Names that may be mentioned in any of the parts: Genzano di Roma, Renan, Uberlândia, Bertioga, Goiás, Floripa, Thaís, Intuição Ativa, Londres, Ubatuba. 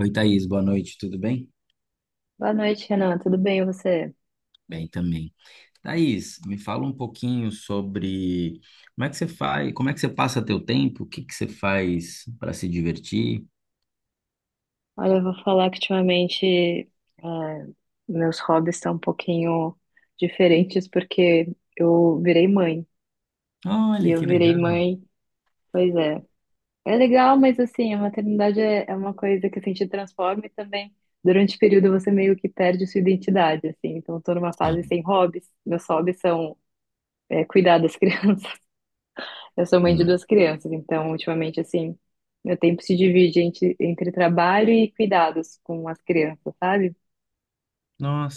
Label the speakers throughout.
Speaker 1: Oi, Thaís, boa noite, tudo bem?
Speaker 2: Boa noite, Renan. Tudo bem, e você?
Speaker 1: Bem também. Thaís, me fala um pouquinho sobre como é que você faz, como é que você passa teu tempo, o que que você faz para se divertir?
Speaker 2: Olha, eu vou falar que ultimamente é, meus hobbies estão um pouquinho diferentes porque eu virei mãe. E
Speaker 1: Olha,
Speaker 2: eu
Speaker 1: que
Speaker 2: virei
Speaker 1: legal.
Speaker 2: mãe, pois é. É legal, mas assim, a maternidade é uma coisa que assim, te transforma e também durante o período você meio que perde sua identidade, assim. Então, eu tô numa fase
Speaker 1: Sim.
Speaker 2: sem hobbies. Meus hobbies são cuidar das crianças. Eu sou mãe de
Speaker 1: Hum.
Speaker 2: duas crianças, então ultimamente assim, meu tempo se divide entre trabalho e cuidados com as crianças, sabe?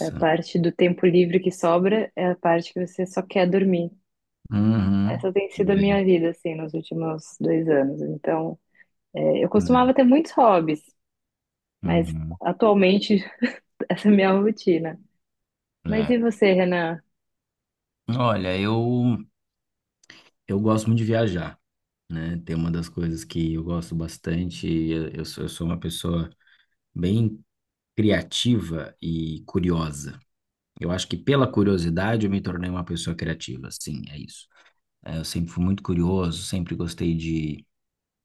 Speaker 2: A parte do tempo livre que sobra é a parte que você só quer dormir.
Speaker 1: Uhum.
Speaker 2: Essa tem sido a minha vida, assim, nos últimos dois anos. Então, eu
Speaker 1: Né?
Speaker 2: costumava ter muitos hobbies, mas
Speaker 1: Uhum.
Speaker 2: atualmente essa é a minha rotina. Mas e
Speaker 1: É.
Speaker 2: você, Renan?
Speaker 1: Olha, eu gosto muito de viajar, né? Tem uma das coisas que eu gosto bastante, eu sou uma pessoa bem criativa e curiosa. Eu acho que pela curiosidade eu me tornei uma pessoa criativa, sim, é isso. É, eu sempre fui muito curioso, sempre gostei de,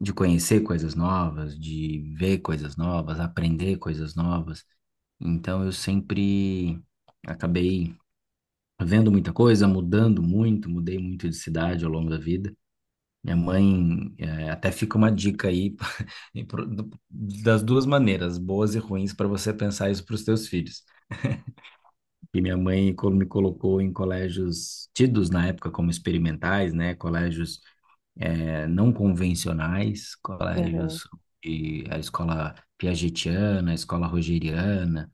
Speaker 1: de conhecer coisas novas, de ver coisas novas, aprender coisas novas. Então eu sempre acabei vendo muita coisa, mudando muito, mudei muito de cidade ao longo da vida. Minha mãe, é, até fica uma dica aí e das duas maneiras, boas e ruins, para você pensar isso para os seus filhos. E minha mãe me colocou em colégios tidos na época como experimentais, né? Colégios não convencionais,
Speaker 2: Aham.
Speaker 1: colégios de a escola piagetiana, a escola rogeriana,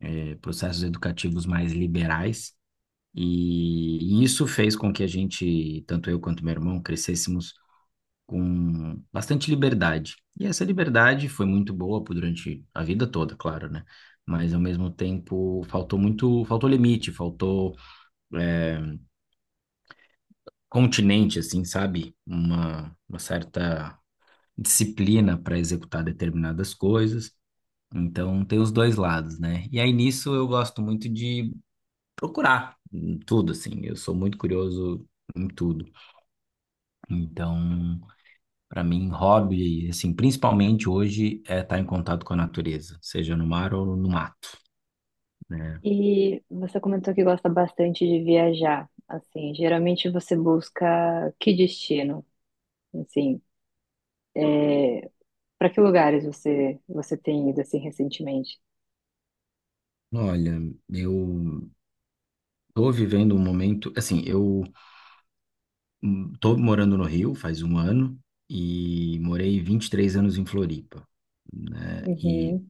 Speaker 1: processos educativos mais liberais. E isso fez com que a gente, tanto eu quanto meu irmão, crescêssemos com bastante liberdade. E essa liberdade foi muito boa durante a vida toda, claro, né? Mas ao mesmo tempo faltou muito, faltou limite, faltou é, continente, assim, sabe? Uma certa disciplina para executar determinadas coisas. Então, tem os dois lados, né? E aí nisso eu gosto muito de procurar em tudo, assim. Eu sou muito curioso em tudo. Então, para mim, hobby, assim, principalmente hoje, é estar em contato com a natureza, seja no mar ou no mato, né?
Speaker 2: E você comentou que gosta bastante de viajar. Assim, geralmente você busca que destino? Assim, para que lugares você tem ido assim recentemente?
Speaker 1: Olha, eu tô vivendo um momento, assim, eu hum, tô morando no Rio faz um ano e morei 23 anos em Floripa, né? E
Speaker 2: Uhum.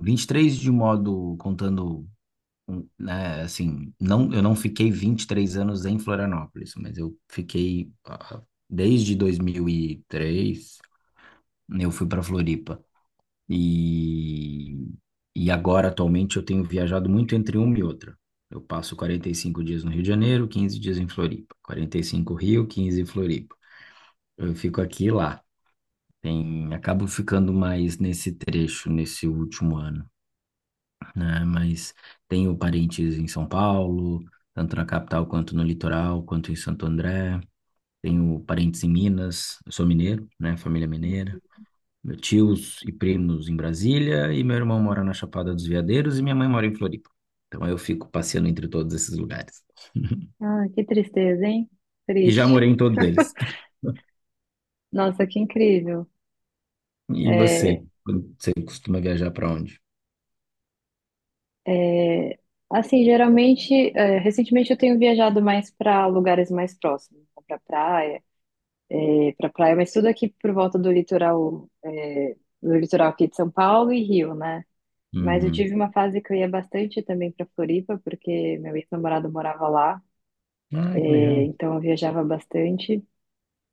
Speaker 1: 23 de modo contando, um, né, assim, não, eu não fiquei 23 anos em Florianópolis, mas eu fiquei desde 2003, eu fui para Floripa. E e agora atualmente eu tenho viajado muito entre uma e outra. Eu passo 45 dias no Rio de Janeiro, 15 dias em Floripa. 45 Rio, 15 em Floripa. Eu fico aqui e lá. Tem, acabo ficando mais nesse trecho, nesse último ano, né? Mas tenho parentes em São Paulo, tanto na capital quanto no litoral, quanto em Santo André. Tenho parentes em Minas, eu sou mineiro, né? Família mineira. Meus tios e primos em Brasília, e meu irmão mora na Chapada dos Veadeiros, e minha mãe mora em Floripa. Então eu fico passeando entre todos esses lugares.
Speaker 2: Ah, que tristeza, hein?
Speaker 1: E já
Speaker 2: Triste.
Speaker 1: morei em todos eles.
Speaker 2: Nossa, que incrível.
Speaker 1: E você?
Speaker 2: É,
Speaker 1: Você costuma viajar para onde?
Speaker 2: é, assim, geralmente, recentemente eu tenho viajado mais para lugares mais próximos, para praia, mas tudo aqui por volta do litoral, do litoral aqui de São Paulo e Rio, né? Mas eu
Speaker 1: Uhum.
Speaker 2: tive uma fase que eu ia bastante também para Floripa, porque meu ex-namorado morava lá,
Speaker 1: Ah, que legal.
Speaker 2: então eu viajava bastante.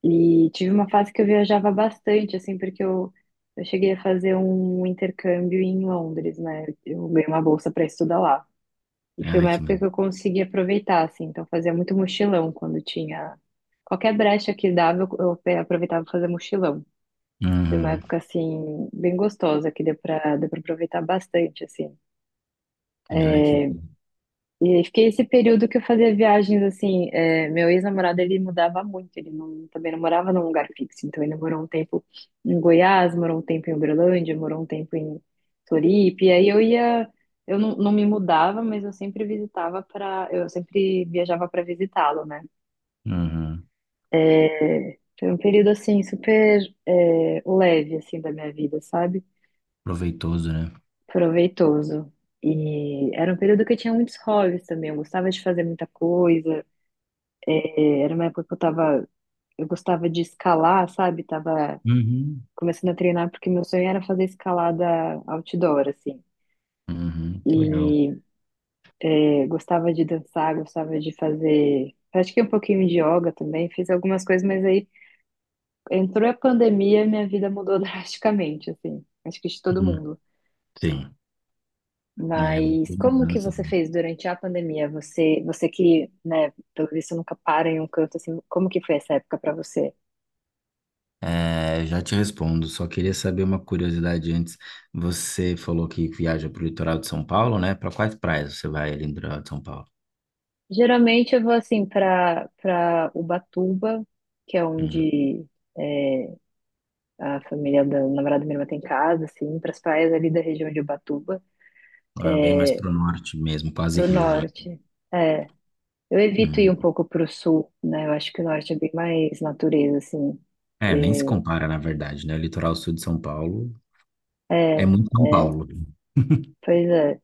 Speaker 2: E tive uma fase que eu viajava bastante, assim, eu cheguei a fazer um intercâmbio em Londres, né? Eu ganhei uma bolsa para estudar lá. E foi
Speaker 1: Ai,
Speaker 2: uma
Speaker 1: que.
Speaker 2: época que eu consegui aproveitar, assim, então fazia muito mochilão quando tinha. Qualquer brecha que dava, aproveitava para fazer mochilão. Foi uma
Speaker 1: Uhum.
Speaker 2: época, assim, bem gostosa, que deu para aproveitar bastante, assim.
Speaker 1: Ai, que.
Speaker 2: É, e aí fiquei esse período que eu fazia viagens assim. Meu ex-namorado ele mudava muito, ele não, também não morava num lugar fixo. Então ele morou um tempo em Goiás, morou um tempo em Uberlândia, morou um tempo em Floripa. E aí eu ia, eu não, não me mudava, mas eu sempre eu sempre viajava para visitá-lo, né?
Speaker 1: Uhum.
Speaker 2: É, foi um período assim super leve assim da minha vida, sabe?
Speaker 1: Proveitoso, né?
Speaker 2: Proveitoso. E era um período que eu tinha muitos hobbies também. Eu gostava de fazer muita coisa. É, era uma época que eu tava, eu gostava de escalar, sabe? Tava
Speaker 1: Uhum.
Speaker 2: começando a treinar porque meu sonho era fazer escalada outdoor, assim.
Speaker 1: Uhum. Que legal.
Speaker 2: E gostava de dançar, gostava de fazer, pratiquei um pouquinho de yoga também, fiz algumas coisas, mas aí entrou a pandemia, e minha vida mudou drasticamente, assim. Acho que de todo
Speaker 1: Uhum.
Speaker 2: mundo.
Speaker 1: Sim. É, muita
Speaker 2: Mas como que
Speaker 1: mudança,
Speaker 2: você
Speaker 1: né?
Speaker 2: fez durante a pandemia? Você que, né, pelo visto nunca para em um canto, assim, como que foi essa época pra você?
Speaker 1: É, já te respondo, só queria saber uma curiosidade antes. Você falou que viaja para o litoral de São Paulo, né? Para quais praias você vai ali no litoral de São Paulo?
Speaker 2: Geralmente eu vou assim para Ubatuba, que é
Speaker 1: Hum.
Speaker 2: onde é, a família da namorada da minha irmã tem casa, assim, para as praias ali da região de Ubatuba,
Speaker 1: Ah, bem mais
Speaker 2: é,
Speaker 1: para o norte mesmo, quase
Speaker 2: pro
Speaker 1: Rio já.
Speaker 2: norte. É, eu evito ir
Speaker 1: Uhum.
Speaker 2: um pouco pro sul, né? Eu acho que o norte é bem mais natureza, assim.
Speaker 1: É, nem se compara, na verdade, né? O litoral sul de São Paulo
Speaker 2: É,
Speaker 1: é
Speaker 2: é,
Speaker 1: muito São
Speaker 2: é,
Speaker 1: Paulo,
Speaker 2: pois é,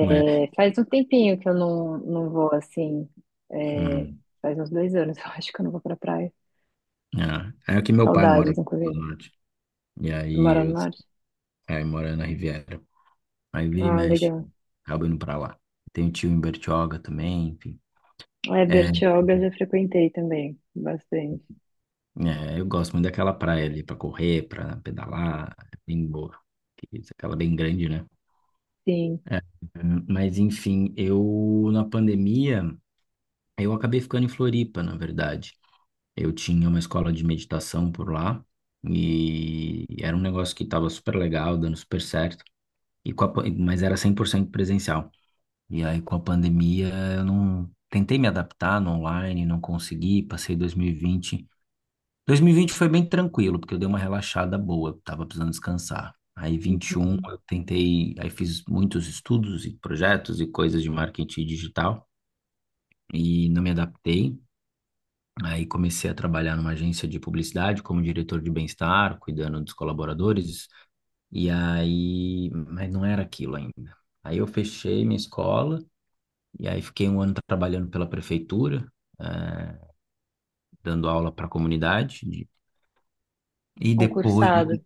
Speaker 1: não é?
Speaker 2: faz um tempinho que eu não, não vou assim. É, faz uns dois anos, eu acho que eu não vou pra praia.
Speaker 1: É, é que meu pai mora
Speaker 2: Saudades,
Speaker 1: no
Speaker 2: inclusive.
Speaker 1: norte. E
Speaker 2: Eu moro
Speaker 1: aí,
Speaker 2: no norte.
Speaker 1: aí mora na Riviera. Aí vira e
Speaker 2: Ah,
Speaker 1: mexe,
Speaker 2: legal.
Speaker 1: acabo indo pra lá. Tem um tio em Bertioga também, enfim.
Speaker 2: É,
Speaker 1: É,
Speaker 2: Bertioga eu já frequentei também, bastante.
Speaker 1: é, eu gosto muito daquela praia ali pra correr, pra pedalar, é bem boa. Que isso, aquela bem grande, né?
Speaker 2: Sim.
Speaker 1: É, mas enfim, eu na pandemia, eu acabei ficando em Floripa, na verdade. Eu tinha uma escola de meditação por lá e era um negócio que estava super legal, dando super certo. E com a mas era 100% presencial. E aí, com a pandemia, eu não tentei me adaptar no online, não consegui. Passei 2020. 2020 foi bem tranquilo, porque eu dei uma relaxada boa, eu tava precisando descansar. Aí, 21,
Speaker 2: Uhum.
Speaker 1: eu tentei, aí fiz muitos estudos e projetos e coisas de marketing digital e não me adaptei. Aí comecei a trabalhar numa agência de publicidade como diretor de bem-estar, cuidando dos colaboradores. E aí, mas não era aquilo ainda. Aí eu fechei minha escola. E aí fiquei um ano trabalhando pela prefeitura, eh, dando aula para a comunidade. E depois,
Speaker 2: Concursado.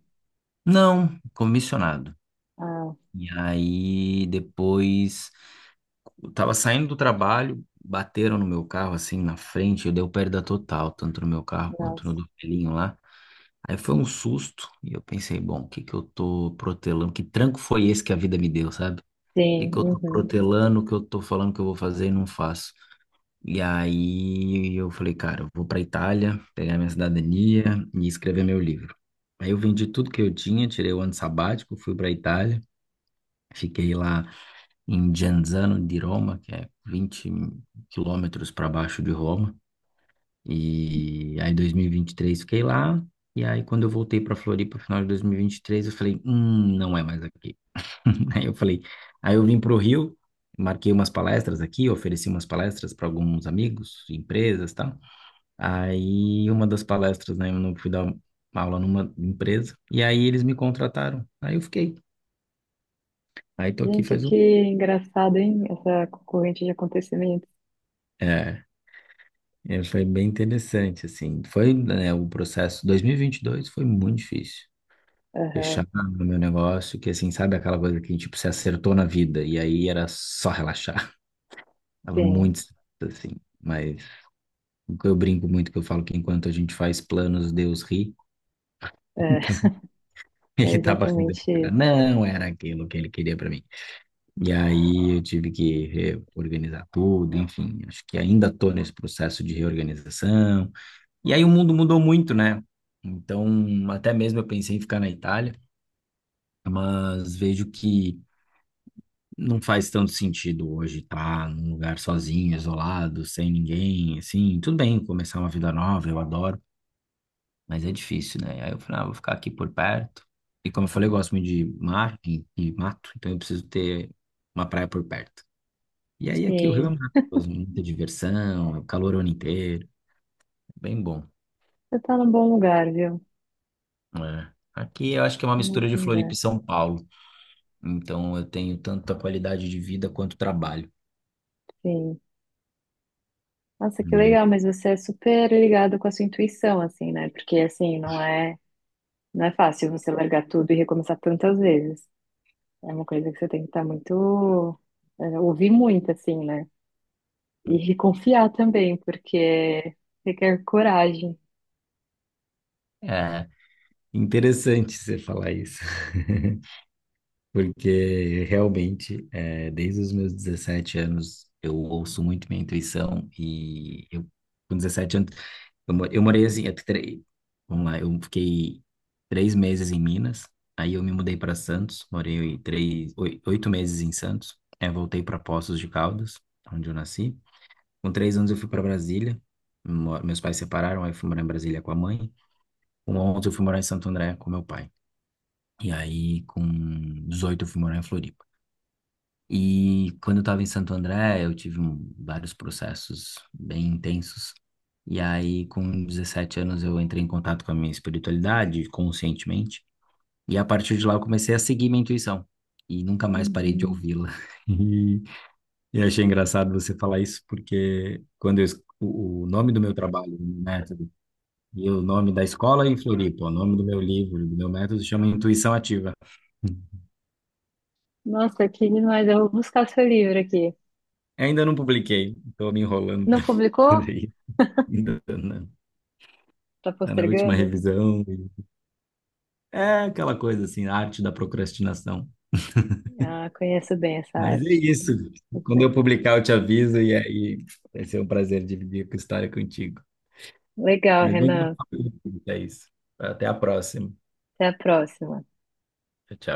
Speaker 1: não, comissionado.
Speaker 2: Ah,
Speaker 1: E aí depois, eu tava saindo do trabalho, bateram no meu carro assim na frente, eu dei o perda total, tanto no meu carro quanto
Speaker 2: nossa.
Speaker 1: no do velhinho lá. Aí foi um susto e eu pensei, bom, o que que eu tô protelando? Que tranco foi esse que a vida me deu, sabe? O que
Speaker 2: Sim.
Speaker 1: que eu tô
Speaker 2: Uhum.
Speaker 1: protelando, o que eu tô falando que eu vou fazer e não faço? E aí eu falei, cara, eu vou para Itália, pegar minha cidadania e escrever meu livro. Aí eu vendi tudo que eu tinha, tirei o ano sabático, fui para Itália, fiquei lá em Genzano di Roma, que é 20 quilômetros para baixo de Roma. E aí em 2023 fiquei lá. E aí quando eu voltei para Floripa, final de 2023, eu falei, não é mais aqui. Aí eu falei, aí eu vim para o Rio, marquei umas palestras aqui, ofereci umas palestras para alguns amigos, empresas, tá. Aí, uma das palestras, né, eu não fui dar uma aula numa empresa, e aí eles me contrataram. Aí eu fiquei. Aí tô aqui
Speaker 2: Gente,
Speaker 1: faz um.
Speaker 2: que engraçado, hein? Essa corrente de acontecimentos.
Speaker 1: É, é, foi bem interessante, assim. Foi, né, o processo 2022 foi muito difícil.
Speaker 2: Aham,
Speaker 1: Fechar o meu negócio, que assim, sabe aquela coisa que, tipo, se acertou na vida, e aí era só relaxar. Tava
Speaker 2: sim.
Speaker 1: muito, estressado, assim. Mas eu brinco muito que eu falo que enquanto a gente faz planos, Deus ri.
Speaker 2: É.
Speaker 1: Então,
Speaker 2: É
Speaker 1: ele tava rindo.
Speaker 2: exatamente
Speaker 1: Cara,
Speaker 2: isso.
Speaker 1: não era aquilo que ele queria pra mim. E aí eu tive que reorganizar tudo, enfim, acho que ainda estou nesse processo de reorganização. E aí o mundo mudou muito, né? Então, até mesmo eu pensei em ficar na Itália, mas vejo que não faz tanto sentido hoje estar num lugar sozinho, isolado, sem ninguém, assim. Tudo bem, começar uma vida nova, eu adoro, mas é difícil, né? Aí eu falei, ah, vou ficar aqui por perto. E como eu falei, eu gosto muito de mar e mato, então eu preciso ter uma praia por perto. E aí aqui o Rio é
Speaker 2: Sim.
Speaker 1: maravilhoso, muita diversão, é o calor o ano inteiro, bem bom.
Speaker 2: Você tá num bom lugar, viu?
Speaker 1: Né? Aqui eu acho que é uma
Speaker 2: Tá num
Speaker 1: mistura de
Speaker 2: ótimo
Speaker 1: Floripa
Speaker 2: lugar.
Speaker 1: e São Paulo, então eu tenho tanto a qualidade de vida quanto o trabalho.
Speaker 2: Sim. Nossa, que
Speaker 1: E
Speaker 2: legal, mas você é super ligado com a sua intuição, assim, né? Porque, assim, não é fácil você largar tudo e recomeçar tantas vezes. É uma coisa que você tem que estar muito, é, ouvir muito, assim, né? E confiar também, porque requer coragem.
Speaker 1: é interessante você falar isso, porque realmente, é, desde os meus 17 anos, eu ouço muito minha intuição e eu, com 17 anos eu, eu morei assim, vamos lá, eu fiquei 3 meses em Minas, aí eu me mudei para Santos, morei 8 meses em Santos, aí voltei para Poços de Caldas, onde eu nasci. Com 3 anos eu fui para Brasília, meus pais separaram, aí eu fui morar em Brasília com a mãe. Com 11 eu fui morar em Santo André com meu pai. E aí com 18 eu fui morar em Floripa. E quando eu estava em Santo André, eu tive vários processos bem intensos. E aí, com 17 anos, eu entrei em contato com a minha espiritualidade, conscientemente. E a partir de lá, eu comecei a seguir minha intuição. E nunca mais parei de
Speaker 2: Uhum.
Speaker 1: ouvi-la. E eu achei engraçado você falar isso, porque quando eu, o nome do meu trabalho, do meu método, e o nome da escola em Floripa, o nome do meu livro, do meu método, chama Intuição Ativa.
Speaker 2: Nossa, que demais. Eu vou buscar seu livro aqui.
Speaker 1: Ainda não publiquei, estou me enrolando
Speaker 2: Não
Speaker 1: para
Speaker 2: publicou?
Speaker 1: fazer. Ainda, né?
Speaker 2: Tá
Speaker 1: Tá na última
Speaker 2: postergando?
Speaker 1: revisão. É aquela coisa assim, a arte da procrastinação.
Speaker 2: Ah, conheço bem essa
Speaker 1: Mas é
Speaker 2: arte.
Speaker 1: isso.
Speaker 2: Muito
Speaker 1: Quando eu
Speaker 2: bem.
Speaker 1: publicar, eu te aviso e aí vai ser um prazer dividir a história contigo.
Speaker 2: Legal,
Speaker 1: Mas muito bom
Speaker 2: Renan.
Speaker 1: falar contigo, Thaís. Até a próxima.
Speaker 2: Até a próxima.
Speaker 1: Tchau, tchau.